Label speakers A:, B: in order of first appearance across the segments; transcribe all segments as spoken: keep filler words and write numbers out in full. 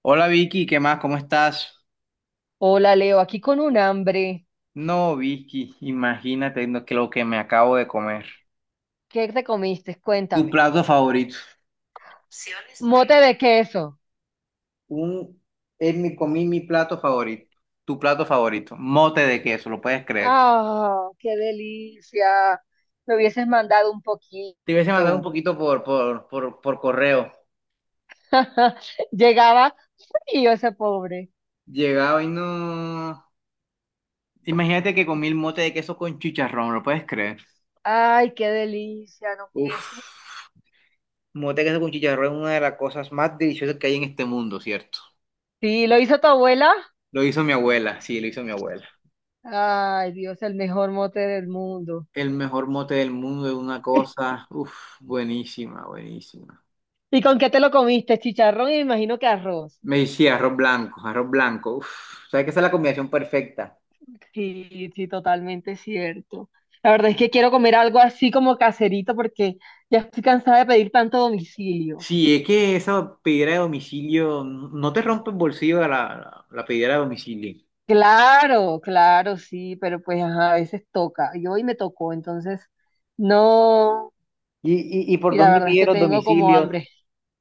A: Hola Vicky, ¿qué más? ¿Cómo estás?
B: Hola Leo, aquí con un hambre.
A: No, Vicky, imagínate no, que lo que me acabo de comer.
B: ¿Qué te comiste?
A: Tu
B: Cuéntame.
A: plato favorito.
B: Mote de queso.
A: Un, es mi, comí mi plato favorito. Tu plato favorito. Mote de queso, lo puedes creer.
B: ¡Ah, qué delicia! Me hubieses mandado un
A: Te hubiese mandado un
B: poquito.
A: poquito por, por, por, por correo.
B: Llegaba frío ese pobre.
A: Llegaba y no. Imagínate que comí el mote de queso con chicharrón, ¿lo puedes creer?
B: ¡Ay, qué delicia! No puede ser.
A: Uf, mote de queso con chicharrón es una de las cosas más deliciosas que hay en este mundo, ¿cierto?
B: Sí, ¿lo hizo tu abuela?
A: Lo hizo mi abuela, sí, lo hizo mi abuela.
B: Ay, Dios, el mejor mote del mundo.
A: El mejor mote del mundo es una cosa, uff, buenísima, buenísima.
B: ¿Y con qué te lo comiste? Chicharrón, y me imagino que arroz.
A: Me decía arroz blanco, arroz blanco, uff, sabes que esa es la combinación perfecta.
B: Sí, sí, totalmente cierto. La verdad es que quiero comer algo así como caserito porque ya estoy cansada de pedir tanto domicilio.
A: Sí, es que esa pedidera de domicilio, no te rompe el bolsillo la, la, la pedidera de domicilio.
B: Claro, claro, sí, pero pues ajá, a veces toca. Y hoy me tocó, entonces no.
A: ¿Y, y, y por
B: Y la
A: dónde
B: verdad es
A: pides
B: que
A: los
B: tengo como
A: domicilios?
B: hambre.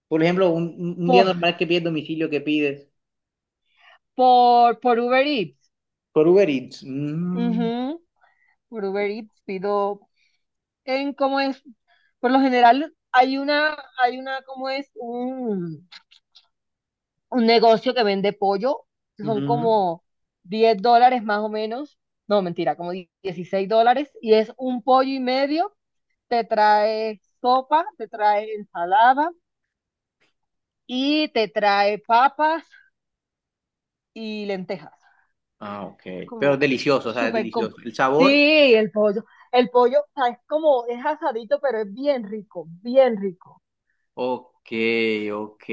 A: Por ejemplo, un, un- un día
B: Por,
A: normal que pides domicilio, ¿qué pides?
B: por, por Uber Eats.
A: Por Uber Eats. Mm,
B: Ujú, por Uber Eats pido en cómo es. Por lo general hay una, hay una, ¿cómo es? Un negocio que vende pollo, son
A: ujú.
B: como diez dólares más o menos, no, mentira, como dieciséis dólares, y es un pollo y medio, te trae sopa, te trae ensalada y te trae papas y lentejas.
A: Ah, ok.
B: Es
A: Pero es
B: como
A: delicioso, o sea, es
B: súper... com-
A: delicioso. El sabor.
B: Sí, el pollo, el pollo, o sea, es como, es asadito, pero es bien rico, bien rico.
A: Ok, ok.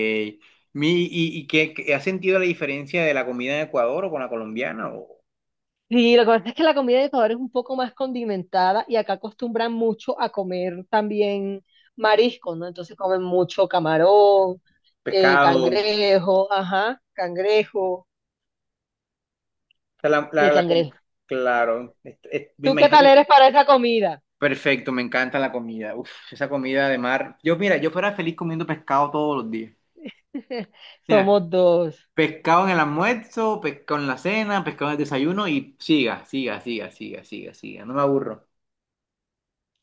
A: Mi, ¿Y, y qué, qué- has sentido la diferencia de la comida en Ecuador o con la colombiana? ¿O
B: Sí, lo que pasa es que la comida de Ecuador es un poco más condimentada y acá acostumbran mucho a comer también mariscos, ¿no? Entonces comen mucho camarón, eh,
A: pescado? O
B: cangrejo, ajá, cangrejo
A: sea, la-
B: y
A: la-
B: el
A: la com-
B: cangrejo.
A: claro, es- es- me
B: ¿Tú qué
A: imagino
B: tal
A: que...
B: eres para esa comida?
A: Perfecto, me encanta la comida. Uf, esa comida de mar. Yo, mira, yo fuera feliz comiendo pescado todos los días. Mira,
B: Somos dos.
A: pescado en el almuerzo, pescado en la cena, pescado en el desayuno y siga, siga, siga, siga, siga, siga. No me aburro.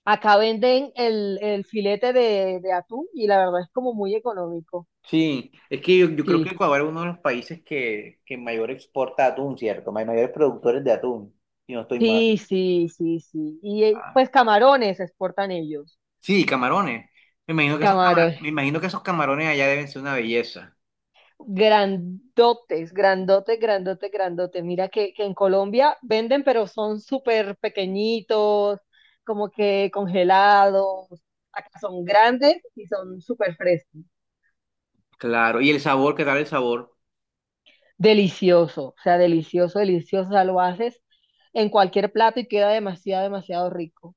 B: Acá venden el, el filete de, de atún y la verdad es como muy económico.
A: Sí, es que yo, yo creo que
B: Sí,
A: Ecuador es uno de los países que, que mayor exporta atún, ¿cierto? Hay mayores productores de atún, si no estoy mal.
B: sí, sí, sí, sí. Y eh,
A: Ah,
B: pues camarones exportan ellos.
A: sí, camarones. Me imagino que esos
B: Camarones.
A: camarones, me imagino que esos camarones allá deben ser una belleza.
B: Grandotes, grandote, grandote, grandote. Mira que, que en Colombia venden, pero son súper pequeñitos, como que congelados. Acá son grandes y son súper frescos.
A: Claro, y el sabor, ¿qué tal el sabor?
B: Delicioso, o sea, delicioso, delicioso. O sea, lo haces en cualquier plato y queda demasiado, demasiado rico.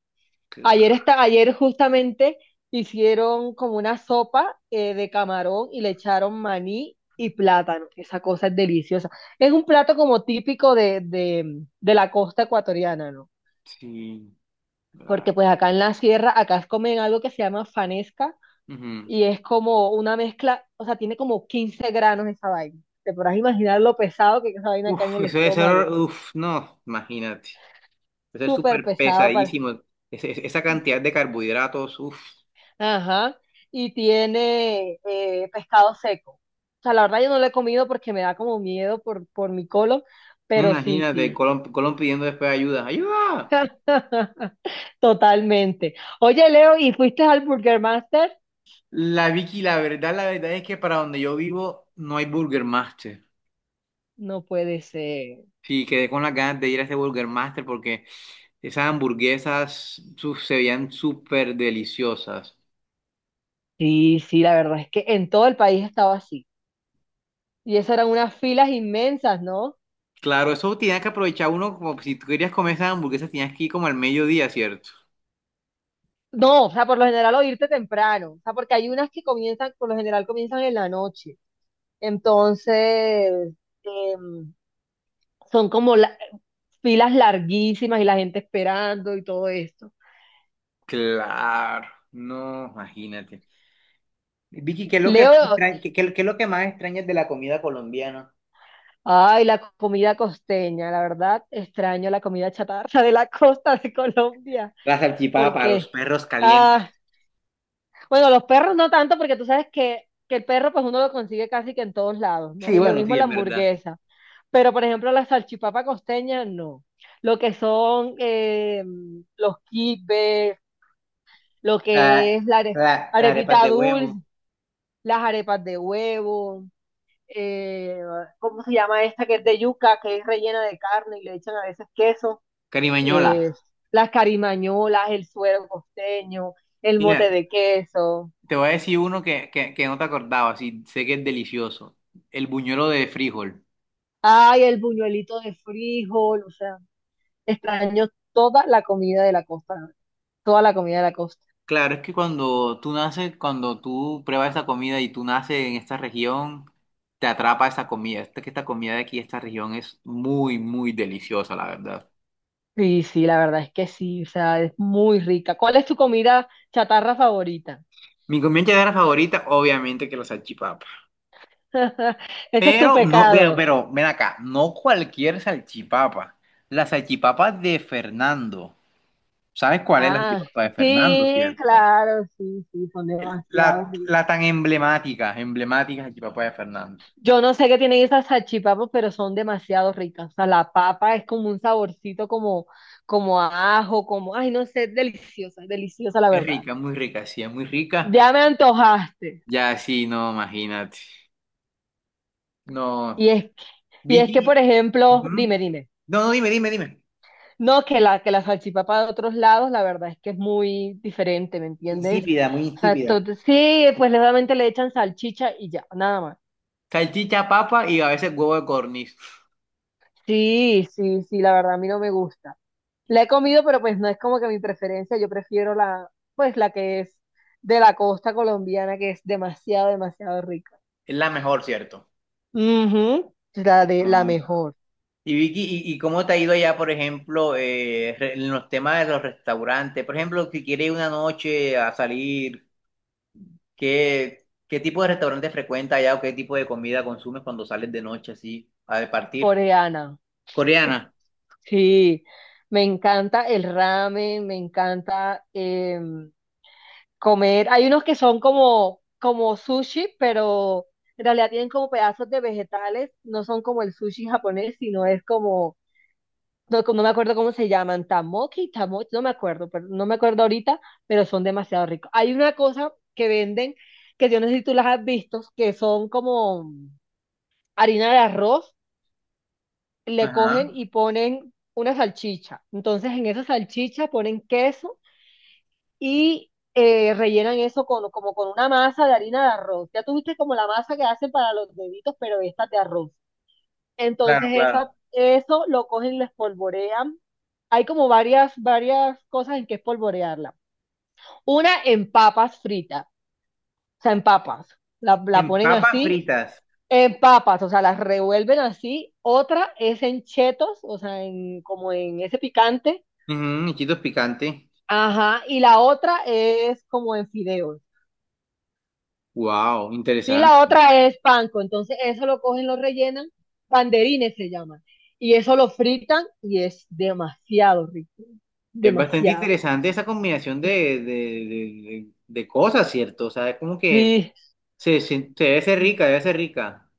B: Ayer,
A: Claro,
B: está, ayer justamente hicieron como una sopa eh, de camarón y le echaron maní y plátano. Esa cosa es deliciosa. Es un plato como típico de, de, de la costa ecuatoriana, ¿no?
A: sí,
B: Porque
A: claro.
B: pues acá en la sierra, acá comen algo que se llama fanesca
A: Ujú.
B: y es como una mezcla, o sea, tiene como quince granos esa vaina. Te podrás imaginar lo pesado que es esa vaina acá en
A: Uf,
B: el
A: eso debe ser,
B: estómago.
A: uf, no, imagínate. Eso es
B: Súper
A: súper
B: pesado.
A: pesadísimo. Ese- ese- esa cantidad de carbohidratos, uf,
B: Ajá. Y tiene eh, pescado seco. O sea, la verdad yo no lo he comido porque me da como miedo por, por mi colon, pero sí,
A: imagínate,
B: sí.
A: Colón, Colón pidiendo después ayuda. ¡Ayuda!
B: Totalmente. Oye, Leo, ¿y fuiste al Burger Master?
A: La Vicky, la verdad, la verdad es que para donde yo vivo no hay Burger Master.
B: No puede ser.
A: Sí, quedé con las ganas de ir a ese Burger Master porque esas hamburguesas su- se veían súper deliciosas.
B: Sí, sí, la verdad es que en todo el país estaba así. Y esas eran unas filas inmensas, ¿no?
A: Claro, eso tenía que aprovechar uno, como si tú querías comer esas hamburguesas, tenías que ir como al mediodía, ¿cierto?
B: No, o sea, por lo general o irte temprano. O sea, porque hay unas que comienzan, por lo general comienzan en la noche. Entonces, em, son como la- filas larguísimas y la gente esperando y todo esto.
A: Claro, no, imagínate. Vicky, ¿qué es lo que más
B: Leo,
A: extraña, qué, qué- qué es lo que más extrañas de la comida colombiana?
B: ay, la comida costeña, la verdad extraño la comida chatarra de la costa de Colombia,
A: La salchipapa, los
B: porque,
A: perros
B: ah,
A: calientes.
B: bueno, los perros no tanto, porque tú sabes que, que el perro pues uno lo consigue casi que en todos lados, ¿no?
A: Sí,
B: Y lo
A: bueno,
B: mismo
A: sí,
B: la
A: es verdad.
B: hamburguesa, pero por ejemplo la salchipapa costeña, no. Lo que son eh, los quipes, lo
A: La,
B: que es la
A: la,
B: are-
A: las arepas
B: arepita
A: de
B: dulce,
A: huevo.
B: las arepas de huevo, eh, ¿cómo se llama esta que es de yuca, que es rellena de carne y le echan a veces queso?
A: Carimañola.
B: Eh, las carimañolas, el suero costeño, el mote
A: Mira,
B: de queso,
A: te voy a decir uno que, que, que no te acordabas y sé que es delicioso. El buñuelo de frijol.
B: ay, el buñuelito de frijol, o sea, extraño toda la comida de la costa, toda la comida de la costa.
A: Claro, es que cuando tú naces, cuando tú pruebas esta comida y tú naces en esta región, te atrapa esta comida. Esta, que esta comida de aquí, esta región es muy, muy deliciosa, la verdad.
B: Sí, sí, la verdad es que sí, o sea, es muy rica. ¿Cuál es tu comida chatarra favorita?
A: Mi comida llanera favorita, obviamente que la salchipapa.
B: Ese es tu
A: Pero no, pero,
B: pecado.
A: pero, ven acá, no cualquier salchipapa. La salchipapa de Fernando. ¿Sabes cuál es la
B: Ah,
A: salchipapa de Fernando,
B: sí,
A: cierto?
B: claro, sí, sí, son
A: El- La,
B: demasiado ricas.
A: la tan emblemática, emblemática Jacquipapaya Fernández.
B: Yo no sé qué tienen esas salchipapas, pero son demasiado ricas. O sea, la papa es como un saborcito como, como a ajo, como, ay, no sé, es deliciosa, es deliciosa la
A: Es
B: verdad.
A: rica, muy rica, sí, es muy rica.
B: Ya me antojaste.
A: Ya, sí, no, imagínate. No,
B: Y es que, y es que,
A: Vicky.
B: por ejemplo, dime,
A: Ujú.
B: dime.
A: No, no, dime, dime, dime.
B: No, que la, que la salchipapa de otros lados, la verdad es que es muy diferente, ¿me entiendes?
A: Insípida, muy
B: O sea, esto-
A: insípida.
B: sí, pues solamente le echan salchicha y ya, nada.
A: Salchicha, papa y a veces huevo de corniz.
B: Sí, sí, sí, la verdad a mí no me gusta. La he comido, pero pues no es como que mi preferencia, yo prefiero la, pues la que es de la costa colombiana, que es demasiado, demasiado rica.
A: Es la mejor, ¿cierto?
B: Ujú, la de la
A: No.
B: mejor,
A: Y Vicky, ¿y, y cómo te ha ido allá, por ejemplo, eh, re- en los temas de los restaurantes? Por ejemplo, si quieres una noche a salir. ¿Qué, qué tipo de restaurante frecuentas allá o qué tipo de comida consumes cuando sales de noche así a partir?
B: coreana.
A: Coreana.
B: Sí, me encanta el ramen, me encanta em, comer. Hay unos que son como, como sushi, pero en realidad tienen como pedazos de vegetales, no son como el sushi japonés, sino es como no, no me acuerdo cómo se llaman, tamoque y tamoche, no me acuerdo, pero no me acuerdo ahorita, pero son demasiado ricos. Hay una cosa que venden, que yo no sé si tú las has visto, que son como harina de arroz, le cogen
A: Ajá,
B: y ponen una salchicha. Entonces en esa salchicha ponen queso y eh, rellenan eso con, como con una masa de harina de arroz. Ya tuviste como la masa que hacen para los deditos, pero esta es de arroz.
A: claro,
B: Entonces esa,
A: claro.
B: eso lo cogen y lo espolvorean. Hay como varias, varias cosas en que espolvorearla. Una en papas fritas, o sea, en papas. La, la
A: En
B: ponen
A: papas
B: así,
A: fritas.
B: en papas, o sea, las revuelven así. Otra es en chetos, o sea, en, como en ese picante.
A: Ujú, chitos picantes.
B: Ajá, y la otra es como en fideos.
A: Wow,
B: Y la
A: interesante.
B: otra es panco. Entonces, eso lo cogen, lo rellenan, banderines se llaman. Y eso lo fritan y es demasiado rico.
A: Es bastante
B: Demasiado.
A: interesante esa combinación de, de, de- de- de cosas, ¿cierto? O sea, es como que
B: Sí,
A: se, se- se debe ser rica, debe ser rica.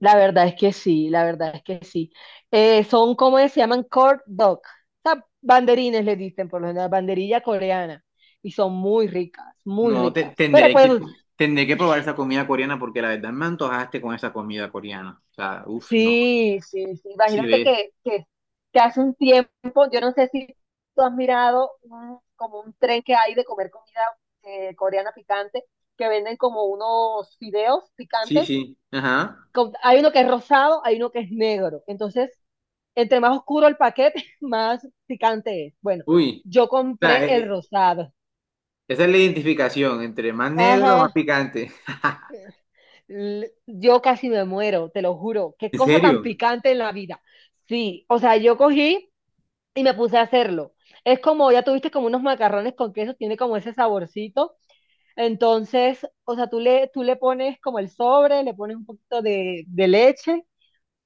B: la verdad es que sí, la verdad es que sí. Eh, son como se llaman corn dog. O banderines le dicen, por lo general, banderilla coreana. Y son muy ricas, muy
A: No, te-
B: ricas. Pero
A: tendré
B: pues,
A: que, tendré que probar esa comida coreana porque la verdad me antojaste con esa comida coreana. O sea, uff, no.
B: sí, sí, sí.
A: Si
B: Imagínate
A: ves.
B: que, que, que hace un tiempo, yo no sé si tú has mirado un- como un tren que hay de comer comida eh, coreana picante, que venden como unos fideos
A: Sí,
B: picantes.
A: sí, ajá.
B: Con- hay uno que es rosado, hay uno que es negro. Entonces, entre más oscuro el paquete, más picante es. Bueno,
A: Uy,
B: yo
A: o sea,
B: compré
A: eh,
B: el
A: eh,
B: rosado.
A: esa es la identificación entre más negro, más
B: Ajá.
A: picante.
B: L- yo casi me muero, te lo juro. Qué
A: ¿En
B: cosa tan
A: serio?
B: picante en la vida. Sí, o sea, yo cogí y me puse a hacerlo. Es como, ya tuviste como unos macarrones con queso, tiene como ese saborcito. Entonces, o sea, tú le, tú le pones como el sobre, le pones un poquito de, de leche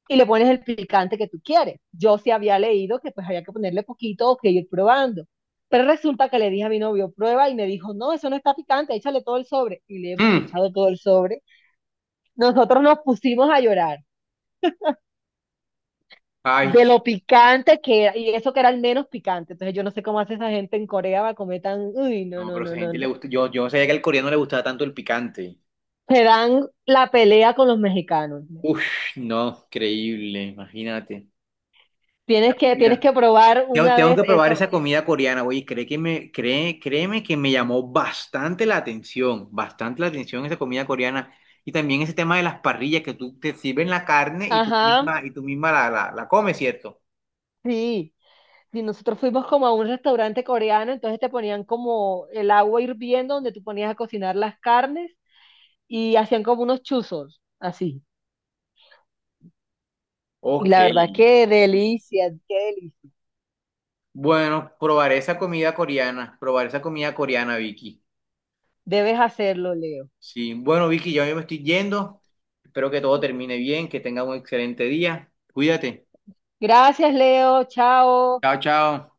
B: y le pones el picante que tú quieres. Yo sí había leído que pues había que ponerle poquito o que ir probando. Pero resulta que le dije a mi novio, prueba, y me dijo, no, eso no está picante, échale todo el sobre. Y le hemos
A: Mm.
B: echado todo el sobre. Nosotros nos pusimos a llorar.
A: Ay,
B: De lo picante que era, y eso que era el menos picante. Entonces yo no sé cómo hace esa gente en Corea para comer tan, uy, no,
A: no,
B: no,
A: pero a
B: no,
A: esa
B: no,
A: gente le
B: no.
A: gusta. Yo, yo no sabía que al coreano le gustaba tanto el picante.
B: Se dan la pelea con los mexicanos. ¿No?
A: Uf, no, increíble, imagínate. La
B: Tienes que, tienes
A: comida.
B: que probar
A: Tengo,
B: una
A: tengo
B: vez
A: que probar
B: eso.
A: esa comida coreana, oye, cree que me, cree, créeme que me llamó bastante la atención, bastante la atención esa comida coreana. Y también ese tema de las parrillas, que tú te sirven la carne y tú
B: Ajá,
A: misma, y tú misma la, la la comes, ¿cierto?
B: sí. Y nosotros fuimos como a un restaurante coreano, entonces te ponían como el agua hirviendo donde tú ponías a cocinar las carnes y hacían como unos chuzos, así. Y
A: Ok.
B: la verdad, qué delicia, qué delicia.
A: Bueno, probaré esa comida coreana, probaré esa comida coreana, Vicky.
B: Debes hacerlo, Leo.
A: Sí, bueno, Vicky, yo me estoy yendo. Espero que todo termine bien, que tenga un excelente día. Cuídate.
B: Gracias, Leo. Chao.
A: Chao, chao.